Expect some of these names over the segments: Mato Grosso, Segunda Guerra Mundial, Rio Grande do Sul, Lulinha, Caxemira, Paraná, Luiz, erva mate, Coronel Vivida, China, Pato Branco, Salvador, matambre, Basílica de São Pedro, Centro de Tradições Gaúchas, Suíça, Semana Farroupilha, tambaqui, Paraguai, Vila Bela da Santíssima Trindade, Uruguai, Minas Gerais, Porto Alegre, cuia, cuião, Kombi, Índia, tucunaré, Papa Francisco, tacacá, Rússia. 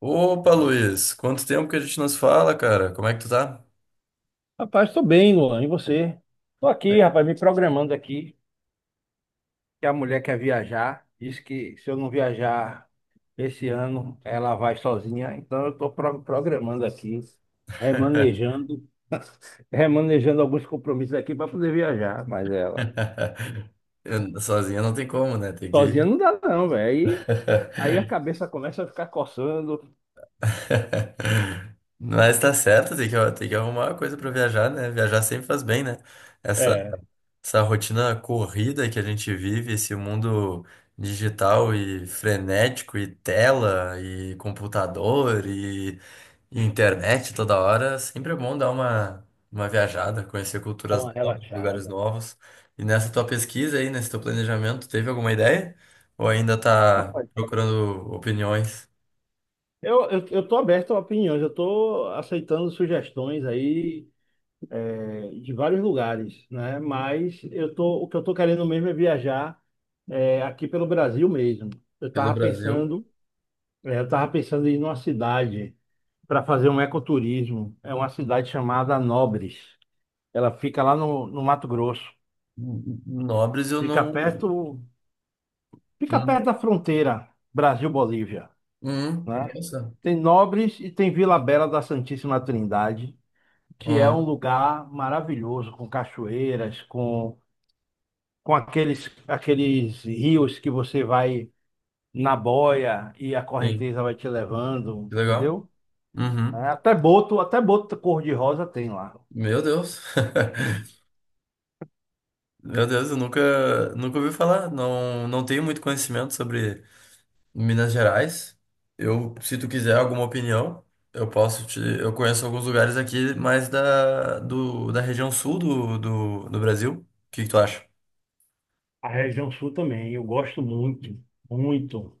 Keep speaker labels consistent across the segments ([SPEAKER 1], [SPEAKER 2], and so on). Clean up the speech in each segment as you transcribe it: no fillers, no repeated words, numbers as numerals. [SPEAKER 1] Opa, Luiz, quanto tempo que a gente nos fala, cara? Como é que tu tá?
[SPEAKER 2] Rapaz, tô bem, Luan. E você? Tô aqui,
[SPEAKER 1] É.
[SPEAKER 2] rapaz, me programando aqui, que a mulher quer viajar. Diz que se eu não viajar esse ano, ela vai sozinha. Então eu tô programando aqui, remanejando, remanejando alguns compromissos aqui para poder viajar. Mas ela,
[SPEAKER 1] Sozinha não tem como, né? Tem que.
[SPEAKER 2] sozinha não dá não, velho. Aí a cabeça começa a ficar coçando.
[SPEAKER 1] Mas tá certo, tem que arrumar uma coisa pra viajar, né? Viajar sempre faz bem, né? Essa,
[SPEAKER 2] É,
[SPEAKER 1] essa rotina corrida que a gente vive, esse mundo digital e frenético, e tela, e computador, e internet toda hora, sempre é bom dar uma viajada, conhecer
[SPEAKER 2] dá
[SPEAKER 1] culturas
[SPEAKER 2] uma
[SPEAKER 1] novas, lugares
[SPEAKER 2] relaxada.
[SPEAKER 1] novos. E nessa tua pesquisa aí, nesse teu planejamento, teve alguma ideia? Ou ainda tá
[SPEAKER 2] Rapaz,
[SPEAKER 1] procurando opiniões
[SPEAKER 2] eu tô aberto a opiniões, eu tô aceitando sugestões aí de vários lugares, né? O que eu tô querendo mesmo é viajar aqui pelo Brasil mesmo. Eu
[SPEAKER 1] pelo
[SPEAKER 2] tava
[SPEAKER 1] Brasil?
[SPEAKER 2] pensando, eu tava pensando em ir numa cidade para fazer um ecoturismo. É uma cidade chamada Nobres. Ela fica lá no Mato Grosso.
[SPEAKER 1] N- Nobres eu
[SPEAKER 2] Fica
[SPEAKER 1] não.
[SPEAKER 2] perto, fica
[SPEAKER 1] Hum,
[SPEAKER 2] perto da fronteira Brasil-Bolívia, né?
[SPEAKER 1] nossa.
[SPEAKER 2] Tem Nobres e tem Vila Bela da Santíssima Trindade, que é um
[SPEAKER 1] Ó,
[SPEAKER 2] lugar maravilhoso, com cachoeiras, com aqueles rios que você vai na boia e a
[SPEAKER 1] sim,
[SPEAKER 2] correnteza vai te levando,
[SPEAKER 1] que legal.
[SPEAKER 2] entendeu? É,
[SPEAKER 1] Uhum.
[SPEAKER 2] até boto cor-de-rosa tem lá.
[SPEAKER 1] Meu Deus. Meu Deus, eu nunca, nunca ouvi falar. Não, não tenho muito conhecimento sobre. Em Minas Gerais. Eu, se tu quiser alguma opinião, eu posso te. Eu conheço alguns lugares aqui mais da região sul do Brasil. O que que tu acha?
[SPEAKER 2] A região sul também, eu gosto muito, muito.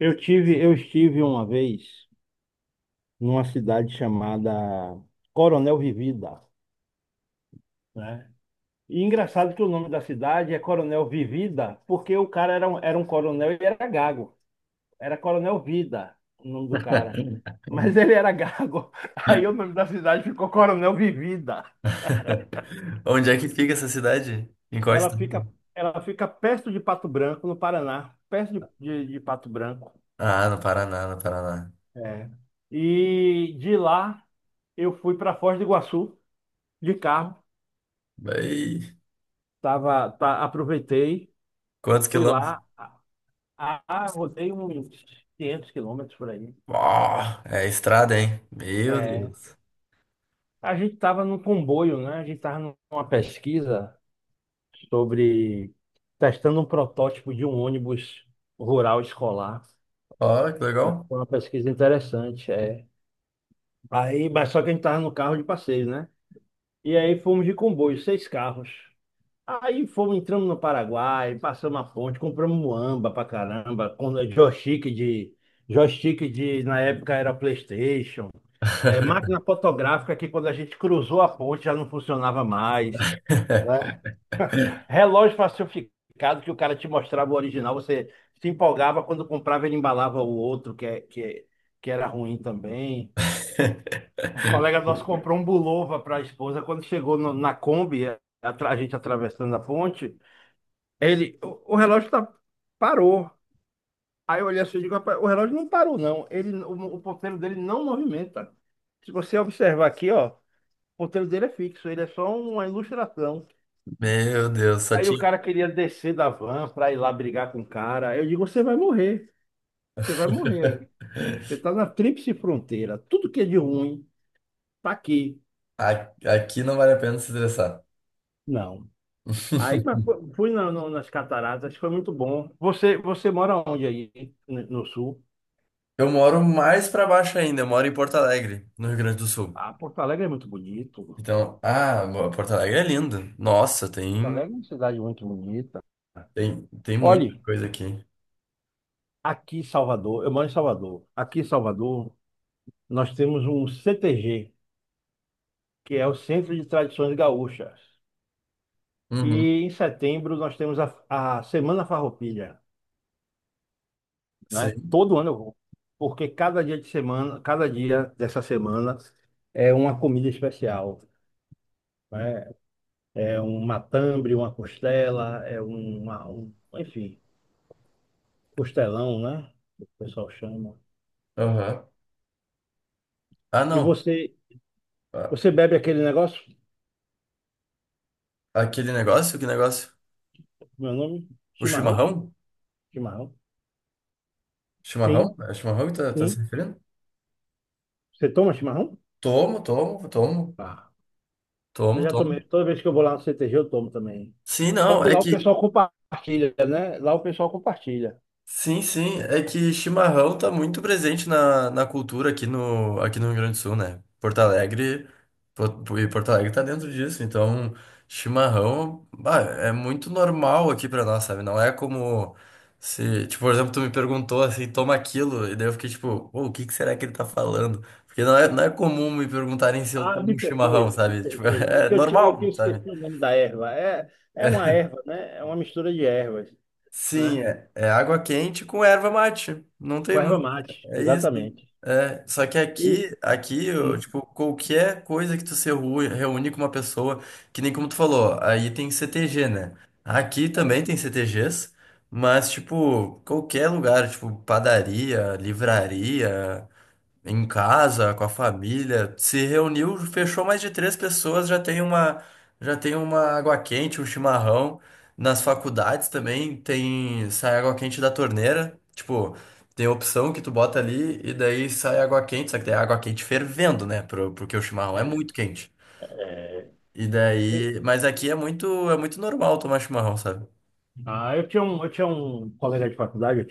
[SPEAKER 2] Eu estive uma vez numa cidade chamada Coronel Vivida, né? E engraçado que o nome da cidade é Coronel Vivida, porque o cara era um coronel e era gago. Era Coronel Vida, o nome do cara. Mas ele era gago. Aí o nome da cidade ficou Coronel Vivida.
[SPEAKER 1] Onde é que fica essa cidade? Em qual
[SPEAKER 2] Ela
[SPEAKER 1] estado?
[SPEAKER 2] fica, ela fica perto de Pato Branco, no Paraná, perto de Pato Branco.
[SPEAKER 1] Ah, no Paraná, no Paraná.
[SPEAKER 2] É. E de lá eu fui para Foz do Iguaçu de carro.
[SPEAKER 1] Bem,
[SPEAKER 2] Aproveitei,
[SPEAKER 1] quantos
[SPEAKER 2] fui
[SPEAKER 1] quilômetros?
[SPEAKER 2] lá, rodei uns 500 quilômetros por aí.
[SPEAKER 1] Ó, é estrada, hein? Meu
[SPEAKER 2] É.
[SPEAKER 1] Deus.
[SPEAKER 2] A gente estava num comboio, né? A gente estava numa pesquisa sobre testando um protótipo de um ônibus rural escolar,
[SPEAKER 1] Ó, que
[SPEAKER 2] né?
[SPEAKER 1] legal.
[SPEAKER 2] Foi uma pesquisa interessante, é. Aí, mas só que a gente estava no carro de passeio, né? E aí fomos de comboio, seis carros. Aí fomos, entramos no Paraguai, passamos a ponte, compramos muamba pra caramba, com joystick de, na época era PlayStation, é, máquina fotográfica que quando a gente cruzou a ponte já não funcionava mais, né? Relógio falsificado que o cara te mostrava o original, você se empolgava quando comprava, ele embalava o outro, que era ruim também. Um colega nosso comprou um Bulova para a esposa. Quando chegou na Kombi, a gente atravessando a ponte, o relógio parou. Aí eu olhei assim e digo, rapaz, o relógio não parou, não. O ponteiro dele não movimenta. Se você observar aqui, ó, o ponteiro dele é fixo, ele é só uma ilustração.
[SPEAKER 1] Meu Deus, só
[SPEAKER 2] Aí o
[SPEAKER 1] tinha.
[SPEAKER 2] cara queria descer da van pra ir lá brigar com o cara. Eu digo, você vai morrer. Você vai morrer aí. Você tá na tríplice fronteira. Tudo que é de ruim tá aqui.
[SPEAKER 1] Aqui não vale a pena se estressar.
[SPEAKER 2] Não. Aí mas fui nas cataratas, foi muito bom. Você mora onde aí? No, no sul?
[SPEAKER 1] Eu moro mais pra baixo ainda, eu moro em Porto Alegre, no Rio Grande do Sul.
[SPEAKER 2] Ah, Porto Alegre é muito bonito.
[SPEAKER 1] Então, ah, Porto Alegre é lindo. Nossa,
[SPEAKER 2] Porto
[SPEAKER 1] tem,
[SPEAKER 2] Alegre é uma cidade muito bonita.
[SPEAKER 1] tem, tem muita
[SPEAKER 2] Olhe,
[SPEAKER 1] coisa aqui.
[SPEAKER 2] aqui em Salvador, eu moro em Salvador. Aqui em Salvador, nós temos um CTG, que é o Centro de Tradições Gaúchas.
[SPEAKER 1] Uhum,
[SPEAKER 2] E em setembro nós temos a Semana Farroupilha, né?
[SPEAKER 1] sim.
[SPEAKER 2] Todo ano eu vou, porque cada dia de semana, cada dia dessa semana é uma comida especial, né? É um matambre, uma costela, é enfim, costelão, né? O pessoal chama.
[SPEAKER 1] Aham. Ah,
[SPEAKER 2] E
[SPEAKER 1] não.
[SPEAKER 2] você,
[SPEAKER 1] Ah,
[SPEAKER 2] você bebe aquele negócio?
[SPEAKER 1] aquele negócio, que negócio?
[SPEAKER 2] Meu nome?
[SPEAKER 1] O
[SPEAKER 2] Chimarrão?
[SPEAKER 1] chimarrão?
[SPEAKER 2] Chimarrão?
[SPEAKER 1] Chimarrão?
[SPEAKER 2] Sim,
[SPEAKER 1] É chimarrão que tá se
[SPEAKER 2] sim.
[SPEAKER 1] referindo?
[SPEAKER 2] Você toma chimarrão?
[SPEAKER 1] Tomo, tomo, tomo,
[SPEAKER 2] Tá. Eu
[SPEAKER 1] tomo,
[SPEAKER 2] já tomei.
[SPEAKER 1] tomo.
[SPEAKER 2] Toda vez que eu vou lá no CTG, eu tomo também.
[SPEAKER 1] Sim,
[SPEAKER 2] Só
[SPEAKER 1] não,
[SPEAKER 2] que
[SPEAKER 1] é
[SPEAKER 2] lá o
[SPEAKER 1] que.
[SPEAKER 2] pessoal compartilha, né? Lá o pessoal compartilha.
[SPEAKER 1] Sim, sim. É que chimarrão tá muito presente na cultura aqui aqui no Rio Grande do Sul, né? Porto Alegre, e Porto Alegre tá dentro disso, então chimarrão, bah, é muito normal aqui pra nós, sabe? Não é como se, tipo, por exemplo, tu me perguntou assim, toma aquilo, e daí eu fiquei tipo, "Pô, o que que será que ele tá falando? Porque não é comum me perguntarem se eu
[SPEAKER 2] Ah, me
[SPEAKER 1] tomo
[SPEAKER 2] perdoe,
[SPEAKER 1] chimarrão,
[SPEAKER 2] me
[SPEAKER 1] sabe?" Tipo,
[SPEAKER 2] perdoe. É
[SPEAKER 1] é
[SPEAKER 2] que eu que
[SPEAKER 1] normal, sabe?
[SPEAKER 2] esqueci o nome da erva. É, é uma erva, né? É uma mistura de ervas,
[SPEAKER 1] Sim,
[SPEAKER 2] né?
[SPEAKER 1] é água quente com erva mate. Não tem.
[SPEAKER 2] Com erva mate,
[SPEAKER 1] É isso.
[SPEAKER 2] exatamente.
[SPEAKER 1] É, só que
[SPEAKER 2] E,
[SPEAKER 1] aqui, eu,
[SPEAKER 2] e-
[SPEAKER 1] tipo, qualquer coisa que tu se reúne com uma pessoa, que nem como tu falou, aí tem CTG, né? Aqui também tem CTGs, mas, tipo, qualquer lugar, tipo, padaria, livraria, em casa, com a família, se reuniu, fechou mais de três pessoas, já tem uma água quente, um chimarrão. Nas faculdades também tem, sai água quente da torneira, tipo, tem opção que tu bota ali e daí sai água quente, só que tem água quente fervendo, né, porque o chimarrão é
[SPEAKER 2] é,
[SPEAKER 1] muito quente.
[SPEAKER 2] é.
[SPEAKER 1] E daí, mas aqui é muito, normal tomar chimarrão, sabe?
[SPEAKER 2] Ah, eu tinha um colega de faculdade,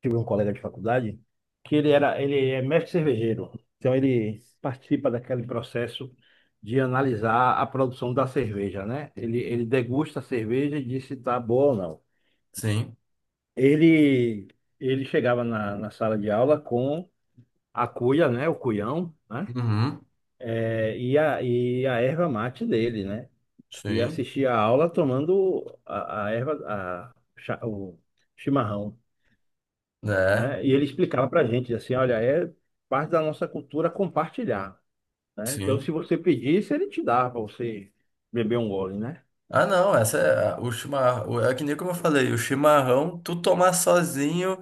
[SPEAKER 2] tive um colega de faculdade que ele é mestre cervejeiro. Então ele participa daquele processo de analisar a produção da cerveja, né? Ele degusta a cerveja e diz se está boa ou não.
[SPEAKER 1] Sim.
[SPEAKER 2] Ele, ele chegava na sala de aula com a cuia, né? O cuião, né?
[SPEAKER 1] Uhum.
[SPEAKER 2] É, e a erva mate dele, né? E
[SPEAKER 1] Sim.
[SPEAKER 2] assistia a aula tomando a erva, o chimarrão,
[SPEAKER 1] É.
[SPEAKER 2] né? E ele explicava para a gente assim, olha, é parte da nossa cultura compartilhar, né? Então,
[SPEAKER 1] Sim.
[SPEAKER 2] se você pedisse, ele te dava para você beber um gole, né?
[SPEAKER 1] Ah, não, essa é o chimarrão. É que nem como eu falei, o chimarrão, tu tomar sozinho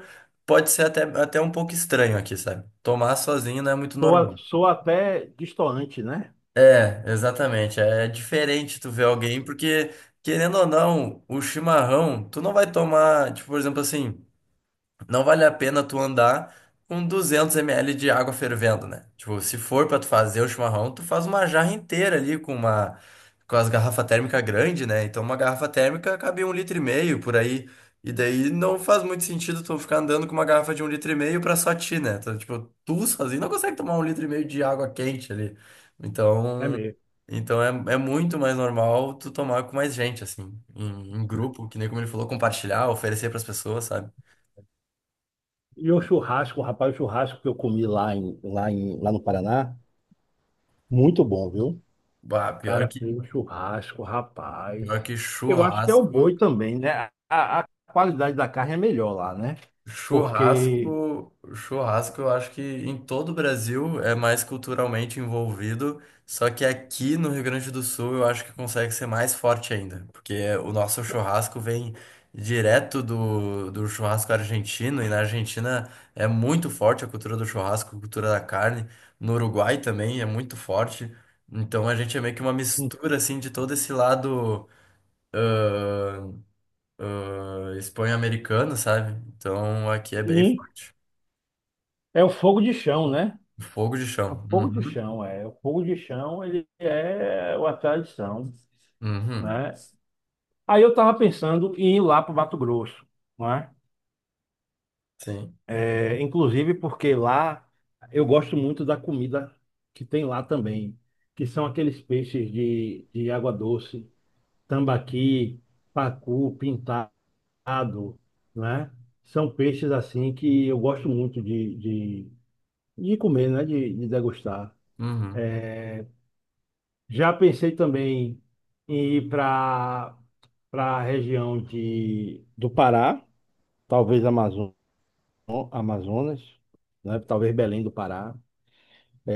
[SPEAKER 1] pode ser até um pouco estranho aqui, sabe? Tomar sozinho não é muito
[SPEAKER 2] Soa,
[SPEAKER 1] normal.
[SPEAKER 2] soa até destoante, né?
[SPEAKER 1] É, exatamente. É diferente tu ver alguém, porque, querendo ou não, o chimarrão, tu não vai tomar, tipo, por exemplo, assim. Não vale a pena tu andar com 200 ml de água fervendo, né? Tipo, se for pra tu fazer o chimarrão, tu faz uma jarra inteira ali com as garrafa térmica grande, né? Então uma garrafa térmica cabe um litro e meio por aí. E daí não faz muito sentido tu ficar andando com uma garrafa de um litro e meio pra só ti, né? Então, tipo, tu sozinho não consegue tomar um litro e meio de água quente ali.
[SPEAKER 2] É
[SPEAKER 1] Então,
[SPEAKER 2] mesmo.
[SPEAKER 1] então é muito mais normal tu tomar com mais gente, assim, em grupo, que nem como ele falou, compartilhar, oferecer pras pessoas, sabe?
[SPEAKER 2] E o churrasco, rapaz, o churrasco que eu comi lá no Paraná, muito bom, viu? O
[SPEAKER 1] Bah, pior
[SPEAKER 2] Cara,
[SPEAKER 1] que,
[SPEAKER 2] fez um churrasco,
[SPEAKER 1] pior
[SPEAKER 2] rapaz.
[SPEAKER 1] que
[SPEAKER 2] Eu acho que é o
[SPEAKER 1] churrasco,
[SPEAKER 2] boi também, né? A qualidade da carne é melhor lá, né? Porque
[SPEAKER 1] eu acho que em todo o Brasil é mais culturalmente envolvido, só que aqui no Rio Grande do Sul eu acho que consegue ser mais forte ainda, porque o nosso churrasco vem direto do churrasco argentino, e na Argentina é muito forte a cultura do churrasco, a cultura da carne, no Uruguai também é muito forte, então a gente é meio que uma
[SPEAKER 2] hum,
[SPEAKER 1] mistura, assim, de todo esse lado Espanha americana, sabe? Então aqui é bem
[SPEAKER 2] hum,
[SPEAKER 1] forte.
[SPEAKER 2] é o fogo de chão, né?
[SPEAKER 1] Fogo de
[SPEAKER 2] O
[SPEAKER 1] chão.
[SPEAKER 2] fogo de
[SPEAKER 1] Uhum.
[SPEAKER 2] chão, é. O fogo de chão, ele é uma tradição,
[SPEAKER 1] Uhum.
[SPEAKER 2] né? Aí eu estava pensando em ir lá para o Mato Grosso, né?
[SPEAKER 1] Sim.
[SPEAKER 2] É, é, inclusive porque lá eu gosto muito da comida que tem lá também, que são aqueles peixes de água doce, tambaqui, pacu, pintado, né? São peixes assim que eu gosto muito de comer, né? De degustar.
[SPEAKER 1] Uhum.
[SPEAKER 2] É, já pensei também em ir para a região do Pará, talvez Amazonas, né? Talvez Belém do Pará.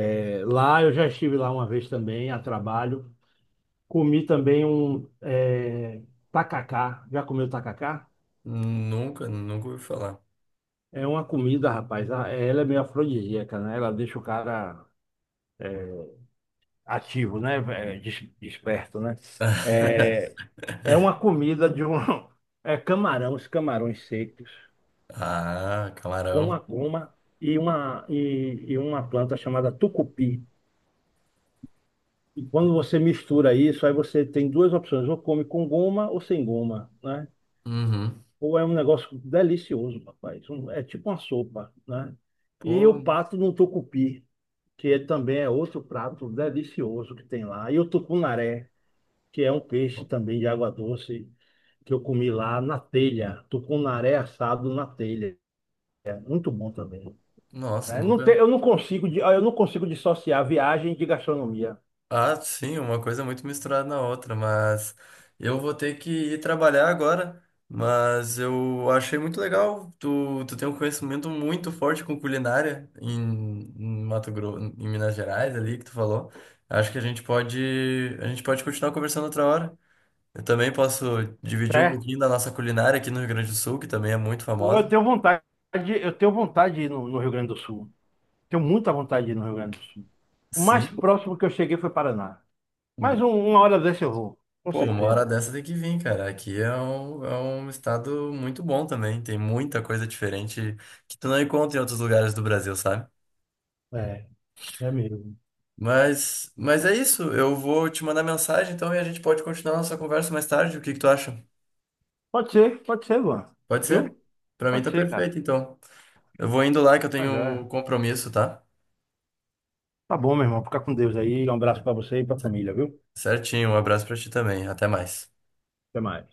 [SPEAKER 2] É, lá eu já estive lá uma vez também, a trabalho. Comi também um tacacá. Já comeu tacacá?
[SPEAKER 1] Nunca, nunca ouvi falar.
[SPEAKER 2] É uma comida, rapaz. Ela é meio afrodisíaca, né? Ela deixa o cara ativo, né? É, desperto, né? É, é uma comida de um. É camarão, os camarões secos,
[SPEAKER 1] Ah, camarão.
[SPEAKER 2] uma goma e uma planta chamada tucupi. E quando você mistura isso, aí você tem duas opções, ou come com goma ou sem goma, né?
[SPEAKER 1] Uhum.
[SPEAKER 2] Ou é um negócio delicioso, rapaz. É tipo uma sopa, né? E o
[SPEAKER 1] Pô,
[SPEAKER 2] pato no tucupi, que ele também é outro prato delicioso que tem lá. E o tucunaré, que é um peixe também de água doce, que eu comi lá na telha. Tucunaré assado na telha. Muito bom também,
[SPEAKER 1] nossa,
[SPEAKER 2] né? Não tem,
[SPEAKER 1] nunca.
[SPEAKER 2] eu não consigo dissociar viagem de gastronomia,
[SPEAKER 1] Ah, sim, uma coisa muito misturada na outra, mas eu vou ter que ir trabalhar agora, mas eu achei muito legal, tu tem um conhecimento muito forte com culinária em Mato Grosso, em Minas Gerais ali que tu falou. Acho que a gente pode continuar conversando outra hora. Eu também posso dividir um
[SPEAKER 2] certo?
[SPEAKER 1] pouquinho da nossa culinária aqui no Rio Grande do Sul, que também é muito
[SPEAKER 2] Ou
[SPEAKER 1] famosa.
[SPEAKER 2] eu tenho vontade de ir no, no Rio Grande do Sul. Tenho muita vontade de ir no Rio Grande do Sul. O mais
[SPEAKER 1] Sim.
[SPEAKER 2] próximo que eu cheguei foi Paraná. Mas uma hora dessa eu vou, com
[SPEAKER 1] Pô, uma hora
[SPEAKER 2] certeza.
[SPEAKER 1] dessa tem que vir, cara. Aqui é um estado muito bom também. Tem muita coisa diferente que tu não encontra em outros lugares do Brasil, sabe?
[SPEAKER 2] É, é mesmo.
[SPEAKER 1] Mas é isso. Eu vou te mandar mensagem então e a gente pode continuar nossa conversa mais tarde. O que que tu acha?
[SPEAKER 2] Pode ser, Luan.
[SPEAKER 1] Pode ser?
[SPEAKER 2] Viu?
[SPEAKER 1] Pra mim
[SPEAKER 2] Pode
[SPEAKER 1] tá
[SPEAKER 2] ser, cara.
[SPEAKER 1] perfeito, então. Eu vou indo lá que eu
[SPEAKER 2] Tá
[SPEAKER 1] tenho
[SPEAKER 2] joia.
[SPEAKER 1] um compromisso, tá?
[SPEAKER 2] Tá bom, meu irmão. Fica com Deus aí. Um abraço pra você e pra família, viu?
[SPEAKER 1] Certinho. Um abraço pra ti também. Até mais.
[SPEAKER 2] Até mais.